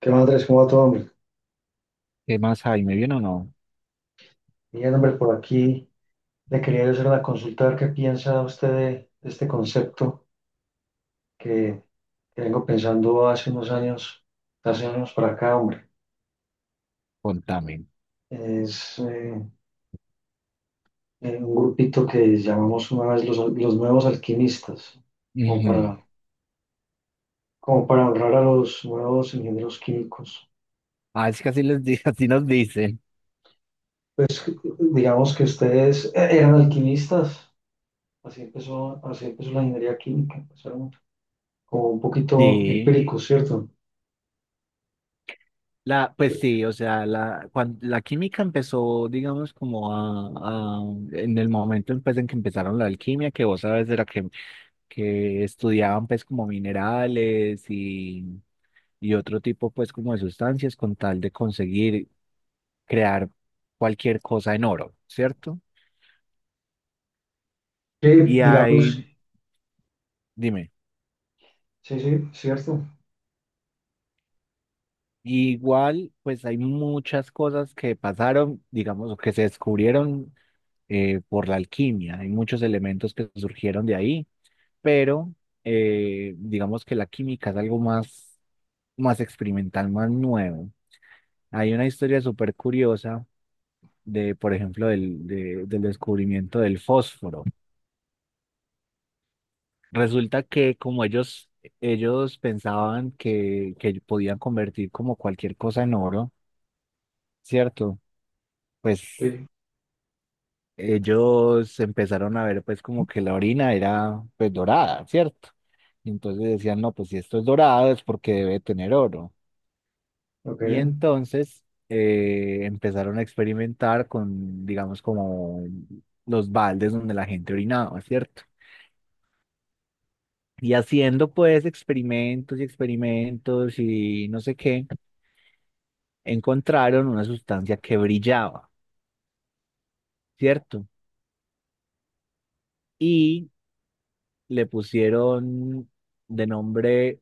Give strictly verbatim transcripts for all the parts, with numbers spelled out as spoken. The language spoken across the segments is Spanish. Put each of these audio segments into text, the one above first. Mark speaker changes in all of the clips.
Speaker 1: ¿Qué más, Andrés? ¿Cómo va todo, hombre?
Speaker 2: ¿Qué más hay? ¿Me viene o no?
Speaker 1: Bien, hombre, por aquí le quería hacer una consulta, a ver qué piensa usted de, de este concepto que, que vengo pensando hace unos años, hace años para acá, hombre.
Speaker 2: Contame.
Speaker 1: Es eh, eh, un grupito que llamamos una vez los, los nuevos alquimistas, como
Speaker 2: Ujú.
Speaker 1: para, como para honrar a los nuevos ingenieros químicos.
Speaker 2: Ah, es que así, les di- así nos dicen.
Speaker 1: Pues digamos que ustedes eh, eran alquimistas, así empezó, así empezó la ingeniería química, empezaron como un poquito
Speaker 2: Sí.
Speaker 1: empíricos, ¿cierto?
Speaker 2: La, pues sí, o sea, la, cuan- la química empezó, digamos, como a, a- en el momento pues, en que empezaron la alquimia, que vos sabes, era que, que estudiaban pues como minerales y, y otro tipo pues como de sustancias con tal de conseguir crear cualquier cosa en oro, ¿cierto?
Speaker 1: Sí,
Speaker 2: Y hay,
Speaker 1: digamos,
Speaker 2: dime.
Speaker 1: sí, sí, cierto.
Speaker 2: Igual, pues hay muchas cosas que pasaron, digamos, o que se descubrieron eh, por la alquimia. Hay muchos elementos que surgieron de ahí, pero eh, digamos que la química es algo más, más experimental, más nuevo. Hay una historia súper curiosa de, por ejemplo, del, de- del descubrimiento del fósforo. Resulta que como ellos, ellos pensaban que, que podían convertir como cualquier cosa en oro, ¿cierto? Pues
Speaker 1: Sí,
Speaker 2: ellos empezaron a ver pues como que la orina era pues dorada, ¿cierto? Y entonces decían, no, pues si esto es dorado es porque debe tener oro.
Speaker 1: ok,
Speaker 2: Y entonces eh, empezaron a experimentar con, digamos, como los baldes donde la gente orinaba, ¿cierto? Y haciendo pues experimentos y experimentos y no sé qué, encontraron una sustancia que brillaba, ¿cierto? Y le pusieron de nombre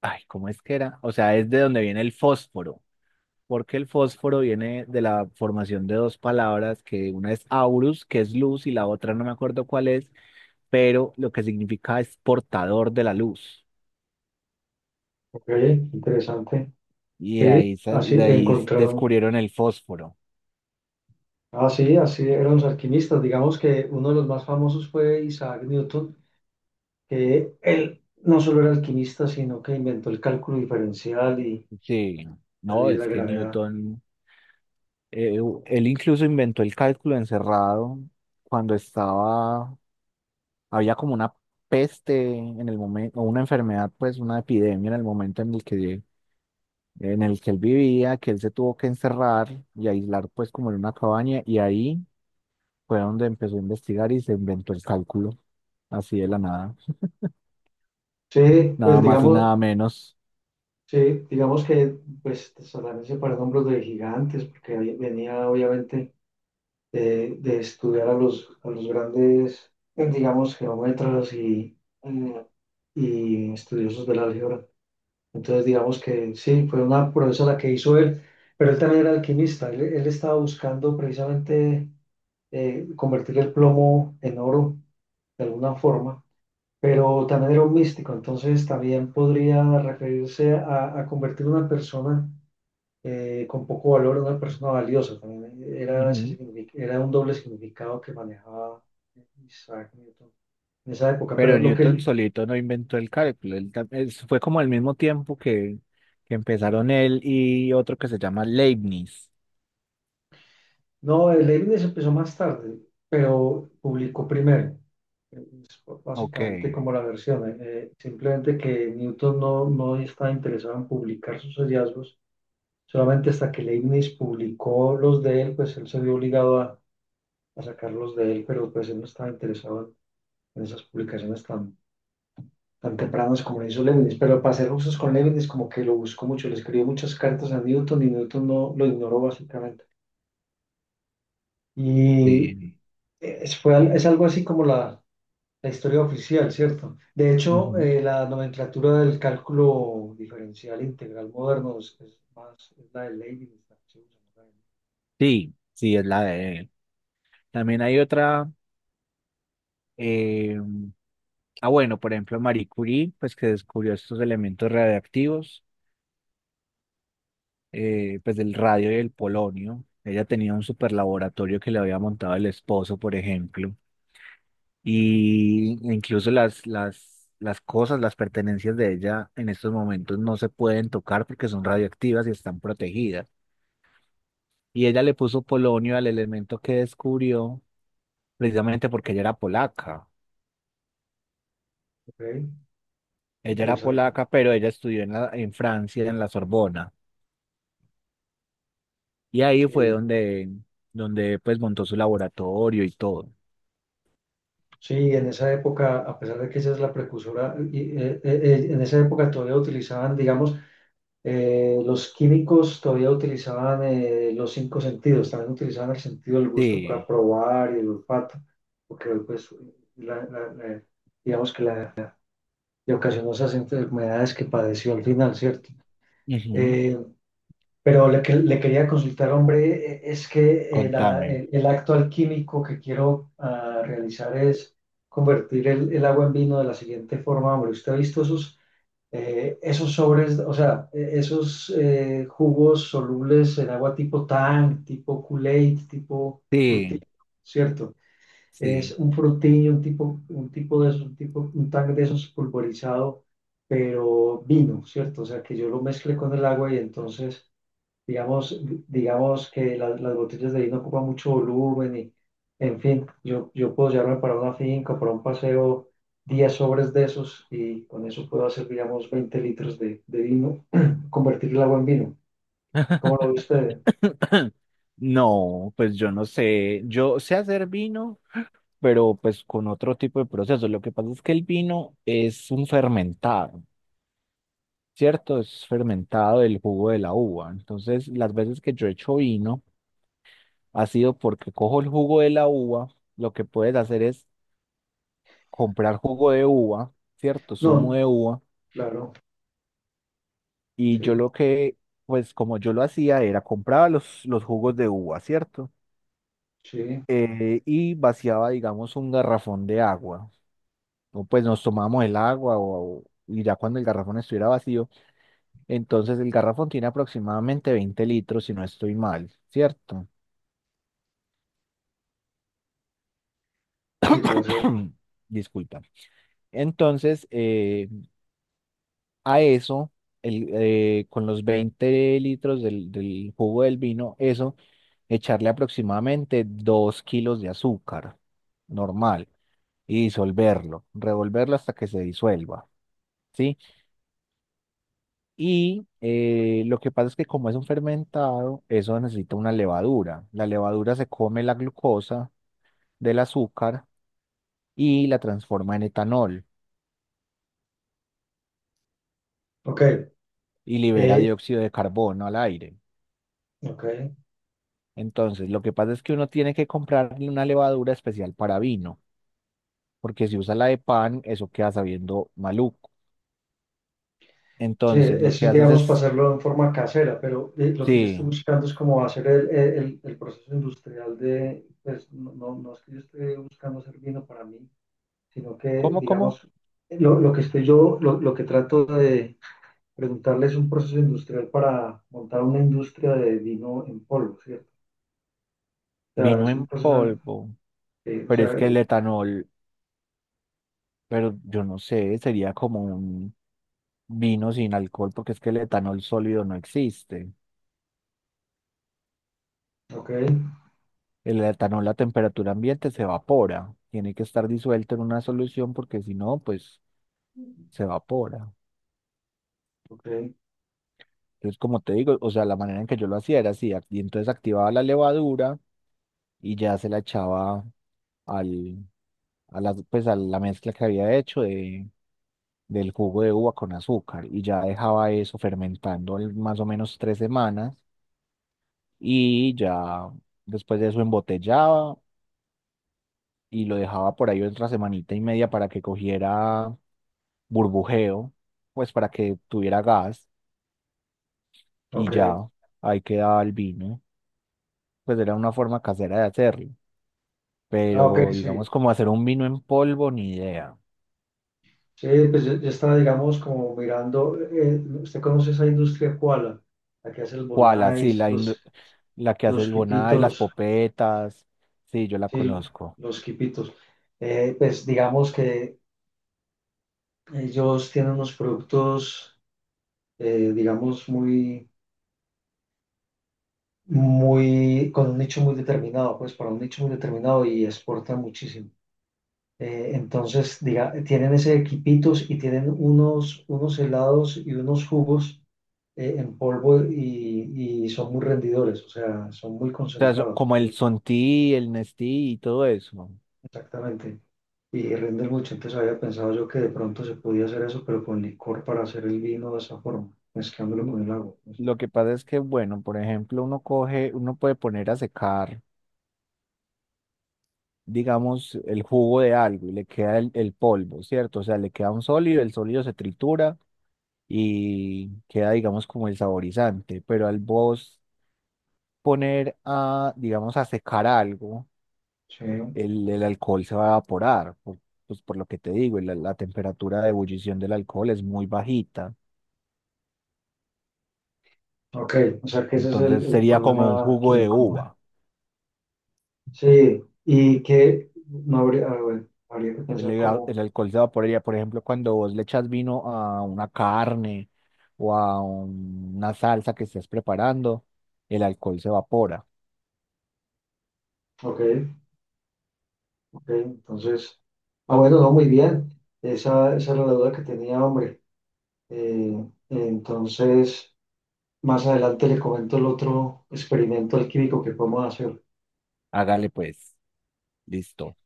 Speaker 2: ay, ¿cómo es que era? O sea, es de donde viene el fósforo, porque el fósforo viene de la formación de dos palabras, que una es aurus, que es luz, y la otra no me acuerdo cuál es, pero lo que significa es portador de la luz.
Speaker 1: ok, interesante.
Speaker 2: Y de
Speaker 1: Sí,
Speaker 2: ahí, sa-
Speaker 1: así
Speaker 2: de ahí s-
Speaker 1: encontraron.
Speaker 2: descubrieron el fósforo.
Speaker 1: Ah, sí, así eran los alquimistas. Digamos que uno de los más famosos fue Isaac Newton, que él no solo era alquimista, sino que inventó el cálculo diferencial y
Speaker 2: Sí,
Speaker 1: la ley
Speaker 2: no,
Speaker 1: de
Speaker 2: es
Speaker 1: la
Speaker 2: que
Speaker 1: gravedad.
Speaker 2: Newton, eh, u- él incluso inventó el cálculo encerrado cuando estaba, había como una peste en el momento, o una enfermedad, pues una epidemia en el momento en el que en el que él vivía, que él se tuvo que encerrar y aislar pues como en una cabaña y ahí fue donde empezó a investigar y se inventó el cálculo, así de la nada,
Speaker 1: Sí,
Speaker 2: nada
Speaker 1: pues
Speaker 2: más y
Speaker 1: digamos,
Speaker 2: nada menos.
Speaker 1: sí, digamos que pues también se pararon hombros de gigantes, porque ahí venía obviamente de, de estudiar a los, a los grandes, eh, digamos, geómetras y, y estudiosos del álgebra. Entonces, digamos que sí, fue una proeza la que hizo él, pero él también era alquimista. Él, él estaba buscando precisamente eh, convertir el plomo en oro de alguna forma, pero también era un místico, entonces también podría referirse a, a convertir una persona eh, con poco valor, una persona valiosa. También eh, era, ese
Speaker 2: Ujú.
Speaker 1: signific- era un doble significado que manejaba Isaac Newton en esa época. Pero
Speaker 2: Pero
Speaker 1: lo que
Speaker 2: Newton
Speaker 1: él,
Speaker 2: solito no inventó el cálculo, él tam- es- fue como al mismo tiempo que, que empezaron él y otro que se llama Leibniz.
Speaker 1: no, el Leibniz empezó más tarde, pero publicó primero. Es
Speaker 2: Ok,
Speaker 1: básicamente como la versión, eh, eh, simplemente que Newton no, no estaba interesado en publicar sus hallazgos, solamente hasta que Leibniz publicó los de él, pues él se vio obligado a, a sacarlos de él, pero pues él no estaba interesado en en esas publicaciones tan tan tempranos como lo hizo Leibniz, pero para ser justos con Leibniz como que lo buscó mucho, le escribió muchas cartas a Newton y Newton no lo ignoró básicamente. Y
Speaker 2: sí.
Speaker 1: eh, es, fue, al- es algo así como la, la historia oficial, ¿cierto? De hecho,
Speaker 2: Ujú.
Speaker 1: eh, la nomenclatura del cálculo diferencial integral moderno es, es más es la de Leibniz, la que se usa, ¿no?
Speaker 2: Sí, sí, es la de él. También hay otra, ah, bueno, por ejemplo, Marie Curie, pues que descubrió estos elementos radiactivos, eh, pues del radio y del polonio. Ella tenía un super laboratorio que le había montado el esposo, por ejemplo, y incluso las, las, las cosas, las pertenencias de ella en estos momentos no se pueden tocar porque son radioactivas y están protegidas. Y ella le puso polonio al elemento que descubrió, precisamente porque ella era polaca.
Speaker 1: Ok,
Speaker 2: Ella era
Speaker 1: interesante.
Speaker 2: polaca, pero ella estudió en la, en Francia, en la Sorbona. Y ahí fue
Speaker 1: Sí,
Speaker 2: donde, donde pues montó su laboratorio y todo.
Speaker 1: sí, en esa época, a pesar de que esa es la precursora, y, eh, eh, eh, en esa época todavía utilizaban, digamos, Eh, los químicos todavía utilizaban eh, los cinco sentidos, también utilizaban el sentido del gusto
Speaker 2: Sí,
Speaker 1: para probar y el olfato, porque pues la- la- la- digamos que la, le ocasionó esas enfermedades que padeció al final, ¿cierto?
Speaker 2: ujú.
Speaker 1: Eh, pero le, que- le quería consultar, hombre, eh, es que eh, la-
Speaker 2: Contame.
Speaker 1: el, el acto alquímico que quiero ah, realizar es convertir el, el agua en vino de la siguiente forma, hombre. ¿Usted ha visto esos? Eh, esos sobres, o sea, eh, esos eh, jugos solubles en agua tipo Tang, tipo Kool-Aid, tipo Fruity,
Speaker 2: Sí,
Speaker 1: ¿cierto?
Speaker 2: sí.
Speaker 1: Es un Fruity, un tipo, un tipo de esos, un tipo, un Tang de esos pulverizado, pero vino, ¿cierto? O sea, que yo lo mezcle con el agua y entonces, Digamos, digamos que la- las botellas de vino ocupan mucho volumen y, en fin, yo, yo puedo llevarme para una finca, para un paseo, diez sobres de esos y con eso puedo hacer, digamos, veinte litros de, de vino, convertir el agua en vino. ¿Cómo lo ve usted?
Speaker 2: No, pues yo no sé. Yo sé hacer vino, pero pues con otro tipo de proceso. Lo que pasa es que el vino es un fermentado, ¿cierto? Es fermentado del jugo de la uva. Entonces, las veces que yo he hecho vino ha sido porque cojo el jugo de la uva, lo que puedes hacer es comprar jugo de uva, ¿cierto? Zumo
Speaker 1: No,
Speaker 2: de uva.
Speaker 1: claro,
Speaker 2: Y yo
Speaker 1: sí,
Speaker 2: lo que, pues como yo lo hacía era compraba los, los jugos de uva, ¿cierto?
Speaker 1: sí,
Speaker 2: Eh, y vaciaba, digamos, un garrafón de agua. O pues nos tomábamos el agua o, o- y ya cuando el garrafón estuviera vacío, entonces el garrafón tiene aproximadamente veinte litros, si no estoy mal, ¿cierto?
Speaker 1: sí, puede ser.
Speaker 2: Disculpa. Entonces, eh, a eso, el, eh, con los veinte litros del, del jugo del vino, eso echarle aproximadamente dos kilos de azúcar normal y disolverlo, revolverlo hasta que se disuelva, ¿sí? Y eh, lo que pasa es que como es un fermentado, eso necesita una levadura. La levadura se come la glucosa del azúcar y la transforma en etanol
Speaker 1: Ok,
Speaker 2: y libera
Speaker 1: eh,
Speaker 2: dióxido de carbono al aire.
Speaker 1: ok.
Speaker 2: Entonces, lo que pasa es que uno tiene que comprar una levadura especial para vino, porque si usa la de pan, eso queda sabiendo maluco.
Speaker 1: Sí,
Speaker 2: Entonces, lo
Speaker 1: eso
Speaker 2: que
Speaker 1: es,
Speaker 2: haces
Speaker 1: digamos, para
Speaker 2: es
Speaker 1: hacerlo en forma casera, pero eh, lo que yo
Speaker 2: sí,
Speaker 1: estoy buscando es como hacer el, eh, el- el proceso industrial de, pues, no, no- no es que yo esté buscando hacer vino para mí, sino que,
Speaker 2: ¿cómo, cómo?
Speaker 1: digamos, lo, lo que estoy yo, lo, lo que trato de preguntarle es un proceso industrial para montar una industria de vino en polvo, ¿cierto? O sea,
Speaker 2: Vino
Speaker 1: es un
Speaker 2: en
Speaker 1: proceso,
Speaker 2: polvo,
Speaker 1: eh, o
Speaker 2: pero
Speaker 1: sea,
Speaker 2: es que
Speaker 1: eh,
Speaker 2: el etanol, pero yo no sé, sería como un vino sin alcohol, porque es que el etanol sólido no existe.
Speaker 1: ok,
Speaker 2: El etanol a temperatura ambiente se evapora, tiene que estar disuelto en una solución porque si no, pues se evapora.
Speaker 1: ok,
Speaker 2: Entonces, como te digo, o sea, la manera en que yo lo hacía era así, ac- y entonces activaba la levadura. Y ya se la echaba al, a la, pues a la mezcla que había hecho de, del jugo de uva con azúcar y ya dejaba eso fermentando al- más o menos tres semanas y ya después de eso embotellaba y lo dejaba por ahí otra semanita y media para que cogiera burbujeo, pues para que tuviera gas y
Speaker 1: ok,
Speaker 2: ya ahí quedaba el vino. Pues era una forma casera de hacerlo,
Speaker 1: ah, ok,
Speaker 2: pero
Speaker 1: sí.
Speaker 2: digamos como hacer un vino en polvo, ni idea.
Speaker 1: Sí, pues yo, yo estaba, digamos, como mirando, eh, ¿usted conoce esa industria Koala? La que hace los
Speaker 2: ¿Cuál? Así,
Speaker 1: bonais,
Speaker 2: la, indu-
Speaker 1: los,
Speaker 2: la que hace
Speaker 1: los
Speaker 2: el Bonai, las
Speaker 1: quipitos,
Speaker 2: popetas. Sí, yo la
Speaker 1: sí,
Speaker 2: conozco. O
Speaker 1: los quipitos. Eh, pues digamos que ellos tienen unos productos, eh, digamos, muy, muy, con un nicho muy determinado, pues para un nicho muy determinado y exportan muchísimo. Eh, entonces, diga, tienen ese quipitos y tienen unos, unos helados y unos jugos eh, en polvo y, y son muy rendidores, o sea, son muy
Speaker 2: sea, so-
Speaker 1: concentrados,
Speaker 2: como el
Speaker 1: pues,
Speaker 2: Sonti, el Nestí y todo eso.
Speaker 1: exactamente, y rinden mucho. Entonces había pensado yo que de pronto se podía hacer eso, pero con licor para hacer el vino de esa forma, mezclándolo
Speaker 2: Mm,
Speaker 1: con el agua. Pues.
Speaker 2: lo que pasa es que, bueno, por ejemplo, uno coge, uno puede poner a secar, digamos, el jugo de algo y le queda el, el polvo, ¿cierto? O sea, le queda un sólido, el sólido se tritura y queda, digamos, como el saborizante. Pero al vos poner a, digamos, a secar algo.
Speaker 1: Sí,
Speaker 2: Eh, el, el alcohol se va a evaporar, por- pues por lo que te digo, la, la temperatura de ebullición del alcohol es muy bajita,
Speaker 1: ok, o sea que ese es el,
Speaker 2: entonces
Speaker 1: el
Speaker 2: sería como un
Speaker 1: problema
Speaker 2: jugo de
Speaker 1: químico.
Speaker 2: uva.
Speaker 1: Sí, y que no habría, ah, bueno, habría que
Speaker 2: El,
Speaker 1: pensar
Speaker 2: ega-
Speaker 1: cómo,
Speaker 2: el alcohol se evaporaría, por ejemplo, cuando vos le echas vino a una carne o a un- una salsa que estés preparando, el alcohol se evapora.
Speaker 1: ok, ok, entonces, ah, bueno, no, muy bien, esa, esa era la duda que tenía, hombre. Eh, entonces, más adelante le comento el otro experimento alquímico que podemos hacer.
Speaker 2: Hágale pues, listo,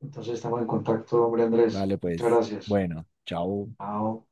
Speaker 1: Entonces estamos en contacto, hombre, Andrés.
Speaker 2: dale
Speaker 1: Muchas
Speaker 2: pues,
Speaker 1: gracias.
Speaker 2: bueno, chao.
Speaker 1: Chao.